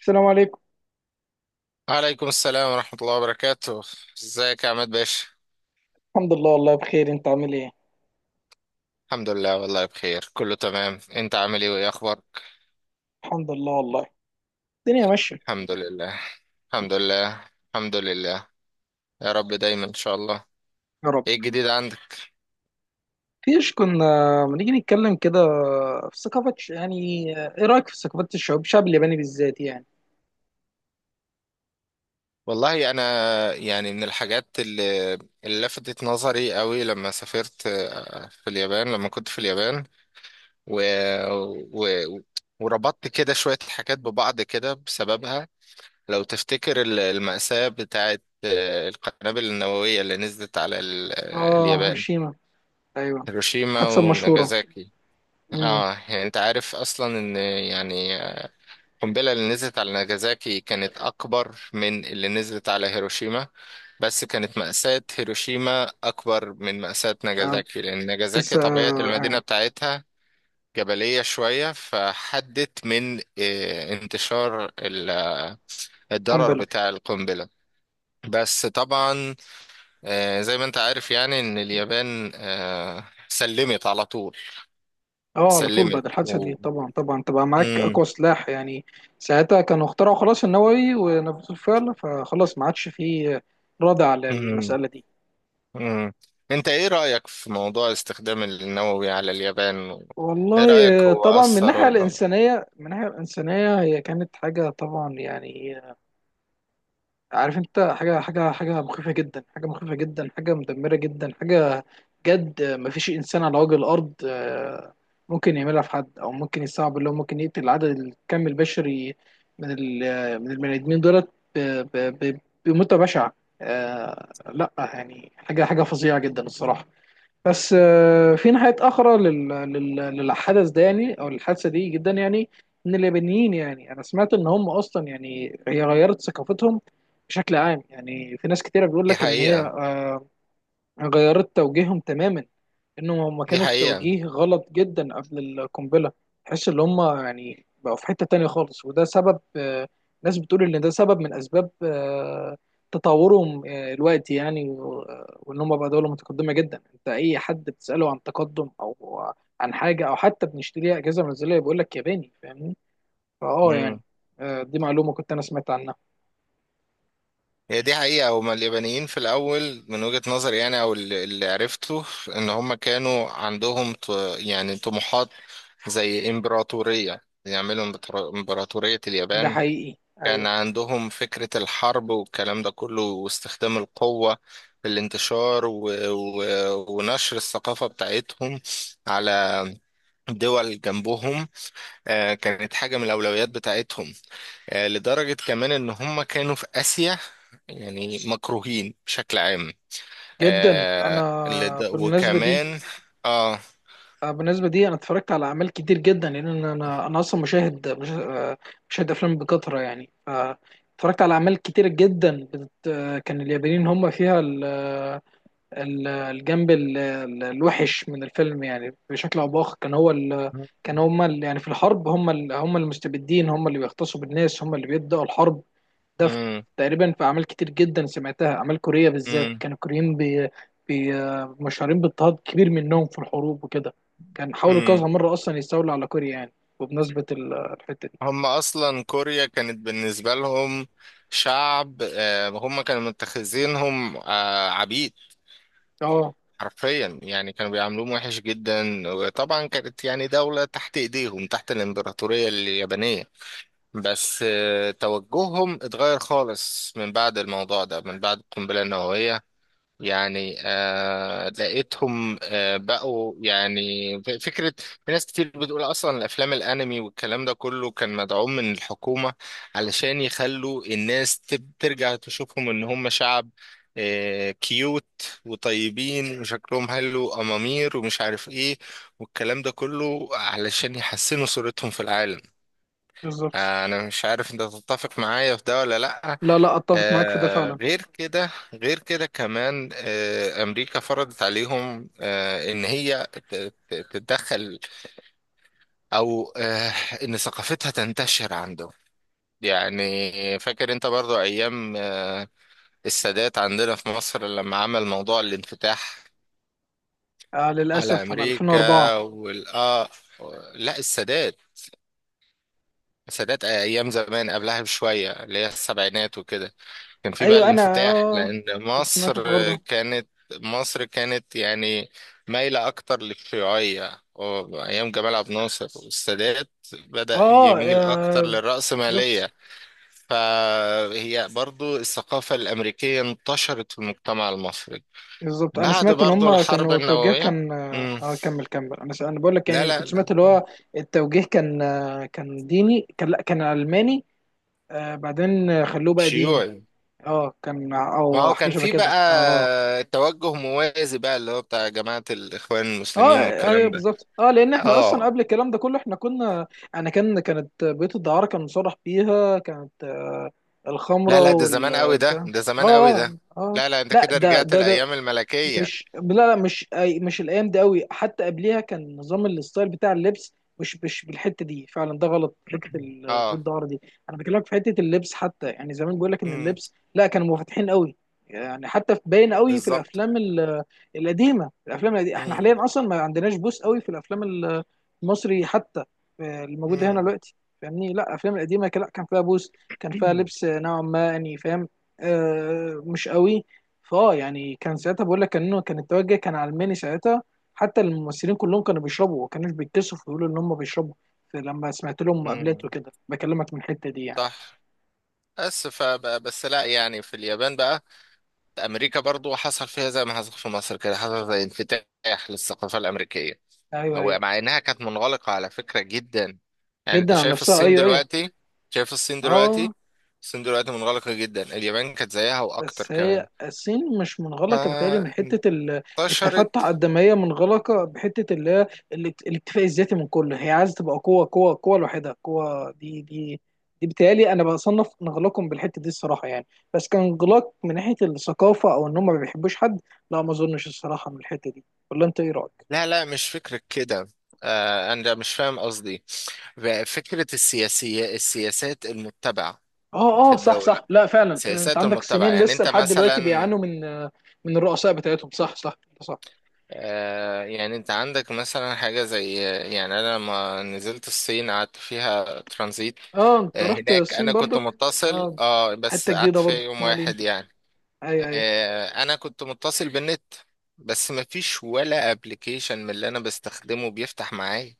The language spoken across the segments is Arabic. السلام عليكم. عليكم السلام ورحمة الله وبركاته. ازيك يا عماد باشا؟ الحمد لله، والله بخير. انت عامل ايه؟ الحمد لله والله بخير، كله تمام. انت عامل ايه وايه اخبارك؟ الحمد لله والله. الدنيا ماشيه. الحمد لله، الحمد لله، الحمد لله. يا رب دايما ان شاء الله. يا رب. ايه الجديد عندك؟ فيش كنا، ما نيجي نتكلم كده في ثقافه يعني. ايه رايك في ثقافات الشعوب، الشعب الياباني بالذات يعني؟ والله انا يعني من الحاجات اللي لفتت نظري قوي لما سافرت في اليابان، لما كنت في اليابان و... و... وربطت كده شوية حاجات ببعض كده بسببها. لو تفتكر المأساة بتاعت القنابل النووية اللي نزلت على اه، اليابان، هيروشيما. ايوه، هيروشيما الحادثه المشهوره. وناجازاكي. امم. اه يعني انت عارف اصلا ان، يعني، القنبلة اللي نزلت على ناجازاكي كانت اكبر من اللي نزلت على هيروشيما، بس كانت مأساة هيروشيما اكبر من مأساة آه. ناجازاكي لان ناجازاكي لسه طبيعة آه. المدينة آه. بتاعتها جبلية شوية، فحدت من انتشار الضرر قنبله. بتاع القنبلة. بس طبعا زي ما انت عارف يعني ان اليابان سلمت على طول. اه، على طول. سلمت بعد الحادثه دي طبعا طبعا تبقى معاك اقوى مم. سلاح يعني. ساعتها كانوا اخترعوا خلاص النووي ونفذوه الفعل، فخلاص ما عادش فيه رادع مم. للمساله دي. مم. انت ايه رأيك في موضوع استخدام النووي على اليابان ايه والله. رأيك، هو طبعا، من أثر الناحيه ولا؟ الانسانيه من الناحيه الانسانيه هي كانت حاجه طبعا يعني. عارف انت، حاجه حاجه حاجه مخيفه جدا، حاجه مخيفه جدا، حاجه مدمره جدا، حاجه جد، مفيش انسان على وجه الارض ممكن يعملها في حد، او ممكن يستوعب اللي هو ممكن يقتل العدد الكم البشري من البني ادمين دولت ب- ب- ب- بموتة بشعه. لا يعني، حاجه حاجه فظيعه جدا الصراحه. بس في ناحية أخرى للحدث ده يعني، أو الحادثة دي، جدا يعني، إن اليابانيين يعني، أنا سمعت إن هم أصلا يعني هي غيرت ثقافتهم بشكل عام يعني. في ناس كتيرة بيقول دي لك إن هي حقيقة، غيرت توجيههم تماما. انهم هم دي كانوا في حقيقة. توجيه غلط جدا قبل القنبله. تحس ان هم يعني بقوا في حته تانية خالص، وده سبب ناس بتقول ان ده سبب من اسباب تطورهم الوقت يعني وان هم بقى دوله متقدمه جدا. انت اي حد بتساله عن تقدم، او عن حاجه، او حتى بنشتريها اجهزه منزليه، بيقول لك ياباني. فاهمني؟ فاه يعني. مم. دي معلومه كنت انا سمعت عنها. هي دي حقيقة، هما اليابانيين في الأول من وجهة نظري يعني، أو اللي عرفته، إن هما كانوا عندهم يعني طموحات، زي إمبراطورية، يعملوا إمبراطورية ده اليابان. حقيقي، كان ايوه. عندهم فكرة الحرب والكلام ده كله واستخدام القوة في الانتشار ونشر الثقافة بتاعتهم على دول جنبهم. كانت حاجة من الأولويات بتاعتهم، لدرجة كمان إن هم كانوا في آسيا يعني مكروهين بشكل عام. جدا. انا آه، لد... بالمناسبه دي، وكمان آه بالنسبة دي، أنا اتفرجت على أعمال كتير جدا، لأن أنا أصلا مشاهد مشاهد أفلام بكثرة يعني. اتفرجت على أعمال كتير جدا كان اليابانيين هم فيها الجنب الوحش من الفيلم، يعني بشكل أو بآخر كان هو كان هم يعني في الحرب هم هم المستبدين، هم اللي بيغتصبوا الناس، هم اللي بيبدأوا الحرب. ده في مم. تقريبا، في اعمال كتير جدا سمعتها، اعمال كوريه بالذات. مم. كان الكوريين بي بي مشهورين باضطهاد كبير منهم في الحروب وكده. كان حاولوا كذا مم. مره اصلا يستولوا على كوريا يعني. وبمناسبه الحته دي. هم اصلا كوريا كانت بالنسبه لهم شعب، هم كانوا متخذينهم عبيد اه. حرفيا. يعني كانوا بيعاملوهم وحش جدا، وطبعا كانت يعني دوله تحت ايديهم، تحت الامبراطوريه اليابانيه. بس توجههم اتغير خالص من بعد الموضوع ده، من بعد القنبله النوويه. يعني لقيتهم بقوا يعني فكرة، في ناس كتير بتقول أصلا الأفلام الأنمي والكلام ده كله كان مدعوم من الحكومة علشان يخلوا الناس ترجع تشوفهم إن هم شعب كيوت وطيبين وشكلهم حلو وأمامير ومش عارف إيه، والكلام ده كله علشان يحسنوا صورتهم في العالم. بالظبط. انا مش عارف انت تتفق معايا في ده ولا لا. لا لا، اتفق معاك في ده فعلا. غير كده، غير كده كمان، امريكا فرضت عليهم ان هي تتدخل، او ان ثقافتها تنتشر عندهم. يعني فاكر انت برضو ايام السادات، عندنا في مصر لما عمل موضوع الانفتاح على للاسف، انا 2004. امريكا والاه. لا، السادات، سادات ايام زمان قبلها بشويه، اللي هي السبعينات وكده كان في بقى ايوه، انا الانفتاح، لان كنت سمعت الحوار مصر ده. كانت مصر كانت يعني مايله اكتر للشيوعيه، وايام جمال عبد الناصر والسادات اه، بدأ يميل اكتر بالظبط، للرأسماليه، فهي برضو الثقافه الامريكيه انتشرت في المجتمع المصري بالظبط. انا بعد سمعت ان برضو هم الحرب كانوا التوجيه النوويه. كان، امم. اه، كمل كمل. انا انا بقول لك لا، يعني، لا، كنت سمعت لا، اللي هو التوجيه كان، كان ديني، كان، لا كان علماني، بعدين خلوه بقى ديني. شيوعي. اه، كان، ما او هو حاجه كان شبه في كده. اه. اه، بقى توجه موازي بقى اللي هو بتاع جماعة الإخوان اه، المسلمين ايوه، والكلام ده. بالظبط. اه، لان احنا اصلا اه، قبل الكلام ده كله احنا كنا، انا كانت بيوت الدعاره كان مصرح بيها، كانت لا، الخمره لا، ده زمان قوي ده والبتاع. ده زمان قوي اه، اه، ده. اه. لا، لا، انت لا، كده ده رجعت ده ده الأيام الملكية. مش، لا لا، مش مش الايام دي قوي، حتى قبليها كان نظام الستايل بتاع اللبس مش بالحته دي فعلا، ده غلط حته اه. بالظهر دي. انا بكلمك في حته اللبس حتى، يعني زمان بيقول لك ان امم. اللبس، لا كانوا منفتحين قوي، يعني حتى في باين قوي في بالظبط. الافلام القديمه، الافلام القديمه. احنا امم. حاليا اصلا ما عندناش بوس قوي في الافلام المصري حتى، الموجوده هنا امم. دلوقتي. فاهمني؟ لا الافلام القديمه لا، كان فيها بوس، كان فيها لبس نوعا ما يعني. فاهم؟ مش قوي. فاه يعني، كان ساعتها بقول لك انه كان التوجه كان علماني ساعتها. حتى الممثلين كلهم كانوا بيشربوا، وما كانوش بيتكسفوا يقولوا ان هم بيشربوا. لما سمعت لهم مقابلات امم. وكده، بكلمك من الحته دي يعني. بس. صح. بس فبقى بس، لا، يعني في اليابان بقى أمريكا برضو حصل فيها زي ما حصل في مصر كده، حصل زي انفتاح للثقافة الأمريكية، ايوه، ايوه. ومع انها كانت منغلقة على فكرة جدا. يعني انت جدا عن شايف نفسها، الصين ايوه، ايوه. دلوقتي، شايف الصين دلوقتي، اه. الصين دلوقتي منغلقة جدا. اليابان كانت زيها واكتر بس هي كمان الصين مش منغلقة بتهيألي من فانتشرت. حتة التفتح قد ما هي منغلقة بحتة اللي هي الاكتفاء الذاتي من كله، هي عايزة تبقى قوة قوة قوة لوحدها. قوة دي بتهيألي أنا بصنف انغلاقهم بالحتة دي الصراحة يعني. بس كان انغلاق من ناحية الثقافة، أو إن هم ما بيحبوش حد؟ لا، ما أظنش الصراحة من الحتة دي. ولا أنت إيه رأيك؟ لا، لا، مش فكرة كده، انا مش فاهم قصدي. فكرة السياسات المتبعة اه، في اه، صح، الدولة، صح. لا فعلا، انت سياسات عندك المتبعة. الصينيين يعني لسه انت لحد دلوقتي مثلا، بيعانوا من، من الرؤساء بتاعتهم. صح، صح. صح. يعني انت عندك مثلا حاجة زي، يعني انا لما نزلت الصين قعدت فيها ترانزيت. اه، انت رحت هناك الصين انا كنت برضك؟ متصل، اه. بس حته قعدت جديده فيها برضك، يوم ما علينا. واحد يعني. ايوه، ايوه. انا كنت متصل بالنت بس مفيش ولا ابلكيشن من اللي انا بستخدمه بيفتح معايا.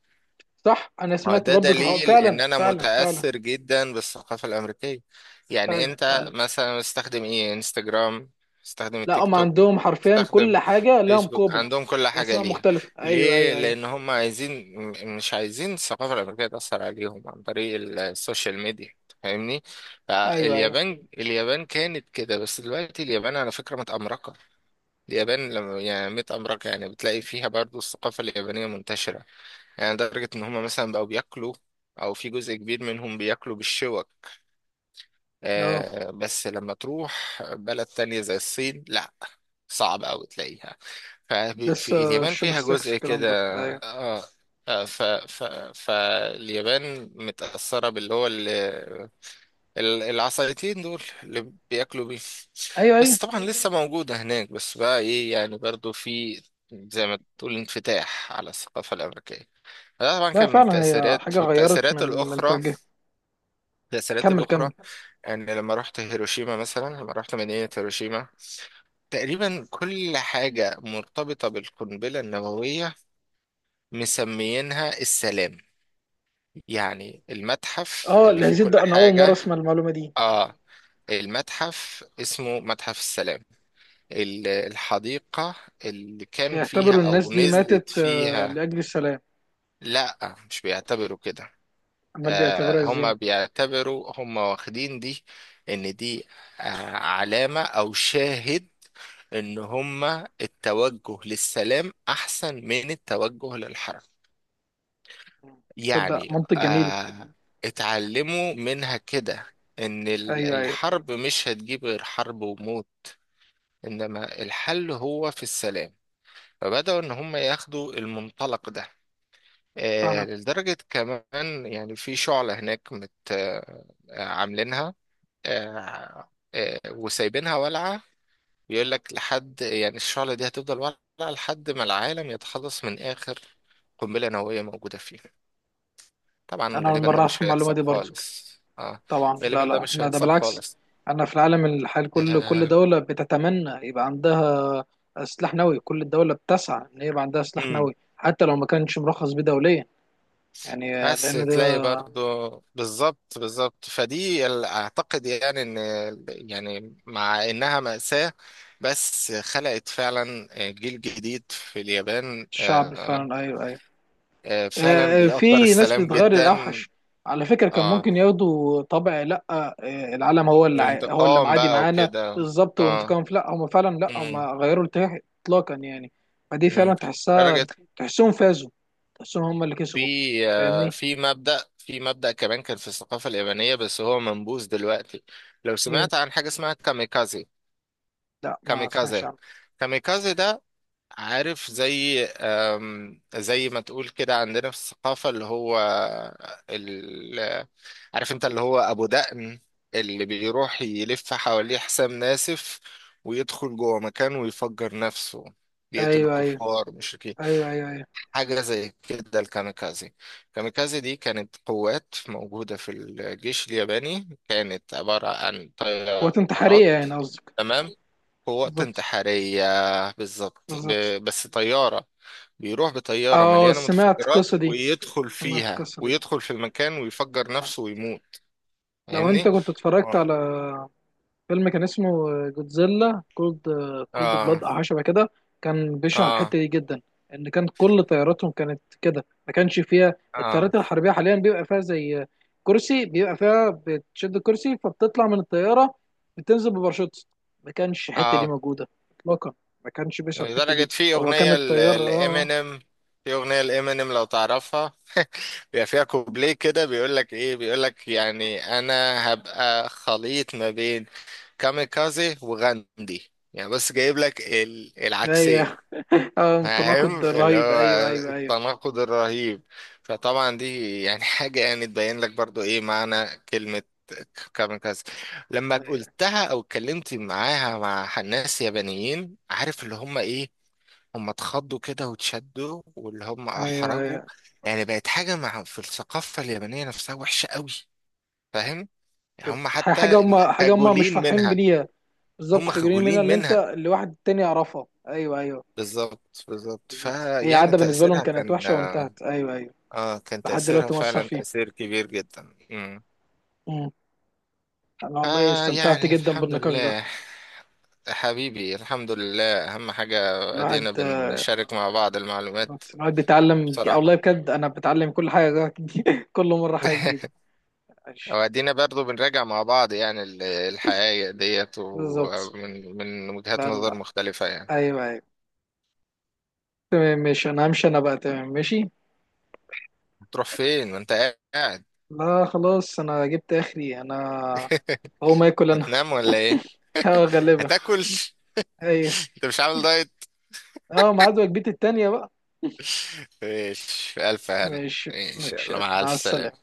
صح، انا هو سمعت ده برضك الحوار. دليل ان فعلا، انا فعلا، فعلا. متأثر جدا بالثقافة الامريكية. يعني فعلا، انت فعلا. مثلا مستخدم ايه؟ انستجرام، مستخدم لا، التيك هم توك، عندهم حرفيا كل مستخدم حاجه لها فيسبوك. مقابل عندهم كل حاجة باسماء ليها. مختلفه، ايوه، ليه؟ ايوه، ايوه. لان هم عايزين، مش عايزين الثقافة الامريكية تأثر عليهم عن طريق السوشيال ميديا، فاهمني؟ ايوه، ايوه، فاليابان كانت كده، بس دلوقتي اليابان على فكرة متأمركة. اليابان لما يعني متأمركة يعني بتلاقي فيها برضو الثقافة اليابانية منتشرة، يعني لدرجة إن هما مثلا بقوا بياكلوا، أو في جزء كبير منهم، بياكلوا بالشوك. اه. بس لما تروح بلد تانية زي الصين، لأ، صعب أوي تلاقيها. ففي لسه اليابان الشوب فيها ستاكس جزء الكلام كده. ده، ايوه. آه آه، ف ف فاليابان متأثرة باللي هو العصايتين دول اللي بياكلوا بيه، ايوه، ايوه. بس طبعا لسه موجودة هناك. بس بقى إيه يعني، برضو في زي ما تقول انفتاح على الثقافة الأمريكية، ده طبعا لا كان من فعلا، هي تأثيرات حاجه غيرت والتأثيرات من الأخرى، توجيه. التأثيرات كمل الأخرى كمل. يعني لما رحت هيروشيما مثلا، لما رحت مدينة هيروشيما، تقريبا كل حاجة مرتبطة بالقنبلة النووية، مسميينها السلام. يعني المتحف اه، اللي فيه الهزيد كل ده انا اول مره حاجة، اسمع المعلومه دي. آه المتحف اسمه متحف السلام، الحديقة اللي كان فيها بيعتبروا الناس أو دي نزلت ماتت فيها. لاجل السلام؟ لا، مش بيعتبروا كده. امال بيعتبروها ازاي؟ هم بيعتبروا، هم واخدين دي، ان دي آه، علامة او شاهد، ان هم التوجه للسلام احسن من التوجه للحرب. تصدق، يعني منطق جميل. آه، اتعلموا منها كده ان ايوه، ايوه. الحرب مش هتجيب غير حرب وموت، انما الحل هو في السلام. فبدأوا ان هم ياخدوا المنطلق ده. فعلا. لدرجة كمان يعني في شعلة هناك مت آه، عاملينها، آه، وسايبينها والعة. بيقول لك لحد يعني، الشعلة دي هتفضل والعة لحد ما العالم يتخلص من آخر قنبلة نووية موجودة فيه. طبعا انا اول غالبا مره ده اعرف مش المعلومه هيحصل دي برضك. خالص. اه طبعا، لا غالبا ده لا، مش احنا ده هيحصل بالعكس. خالص. انا في العالم الحالي، كل آه. دوله بتتمنى يبقى عندها سلاح نووي. كل الدوله بتسعى ان يبقى عندها سلاح مم. نووي، حتى لو ما كانش مرخص بيه دوليا. يعني بس لان تلاقي ده برضو، بالظبط، بالظبط. فدي اعتقد يعني ان، يعني مع انها مأساة، بس خلقت فعلا جيل جديد في اليابان. الشعب فعلا. ايوه، ايوه. فعلا بيأثر في ناس السلام بتغير جدا. الاوحش. على فكره كان اه، ممكن ياخدوا طبع، لا العالم هو اللي الانتقام معادي بقى معانا وكده. بالظبط، اه. وانتقام. لا هم فعلا، لا هم امم. غيروا الاتجاه اطلاقا يعني. فدي فعلا امم. تحسها. درجة تحسهم فازوا. تحسهم هم اللي كسبوا. في، فاهمني؟ في مبدأ كمان كان في الثقافة اليابانية بس هو منبوذ دلوقتي. لو ايه؟ سمعت عن حاجة اسمها كاميكازي. لا، ما سمعتش كاميكازي عنه. كاميكازي ده، عارف، زي زي ما تقول كده عندنا في الثقافة، اللي هو ال... عارف انت اللي هو أبو دقن، اللي بيروح يلف حواليه حسام ناسف ويدخل جوه مكان ويفجر نفسه، بيقتل ايوه، ايوه، الكفار مشركين. ايوه. ايوه، ايوه. حاجة زي كده الكاميكازي. الكاميكازي دي كانت قوات موجودة في الجيش الياباني، كانت عبارة عن قوات انتحاريه طيارات. يعني قصدك؟ تمام، قوات بالظبط، انتحارية، بالظبط، بالظبط. بس طيارة، بيروح بطيارة اه، مليانة سمعت متفجرات القصه دي، ويدخل سمعت فيها القصه دي. ويدخل في المكان ويفجر نفسه ويموت، لو انت فاهمني؟ كنت اتفرجت اه. على فيلم كان اسمه جودزيلا كولد، كولد اه. بلاد او حاجه شبه كده، كان بيشرح اه. الحته دي جدا. ان كان كل طياراتهم كانت كده، ما كانش فيها، اه. الطيارات الحربيه حاليا بيبقى فيها زي كرسي، بيبقى فيها بتشد الكرسي فبتطلع من الطياره، بتنزل بباراشوت. ما كانش الحته دي اه. موجوده اطلاقا. ما كانش بيشرح الحته لدرجة دي، في هو كان أغنية الطيار، اه. لإمينيم، في أغنية لإمينيم، لو تعرفها بيبقى فيها كوبليه كده بيقول لك إيه، بيقول لك يعني أنا هبقى خليط ما بين كاميكازي وغاندي، يعني بس جايب لك العكسين، ايوه تناقض فاهم اللي رهيب. هو ايوه، ايوه، ايوه. التناقض الرهيب؟ فطبعا دي يعني حاجة يعني تبين لك برضو ايه معنى كلمة كاميكازي. لما ايوه، قلتها او اتكلمت معاها مع ناس يابانيين، عارف اللي هم ايه؟ هم اتخضوا كده واتشدوا، واللي هم ايوه، احرجوا. أيوة. يعني بقت حاجة مع في الثقافة اليابانية نفسها وحشة قوي، فاهم؟ كانت هم حاجه حتى هم حاجه هم مش خجولين فرحين منها، بيها. بالظبط، هم خجولين منها، خجولين منها، اللي واحد تاني يعرفها. ايوه، ايوه. بالظبط، بالظبط. بالظبط، هي فيعني عاده بالنسبه لهم تأثيرها كانت كان، وحشه وانتهت. ايوه، ايوه. اه، كان لحد تأثيرها دلوقتي مؤثر فعلا فيه. تأثير كبير جدا. امم. امم. انا والله استمتعت يعني جدا الحمد بالنقاش ده. لله، حبيبي، الحمد لله، أهم حاجة الواحد أدينا بنشارك مع بعض المعلومات، بالظبط. الواحد بيتعلم والله بصراحة بجد، انا بتعلم كل حاجه كل مره حاجه جديده. ماشي. وأدينا برضو بنراجع مع بعض يعني الحقائق ديت، بالظبط. ومن وجهات لا لا نظر لا. مختلفة يعني. ايوه، ايوه. تمام ماشي. انا همشي انا بقى. تمام ماشي. هتروح فين ما أنت قاعد؟ لا خلاص، انا جبت اخري انا. هو ما ياكل انا هتنام ولا إيه؟ اه، غالبا. هتاكل ايوه. أنت مش عامل دايت؟ اه، ميعاد وجبتي التانيه بقى. ماشي، في ألف هنا ماشي. إن شاء ماشي، الله، مع ألف مع السلامة. سلامة.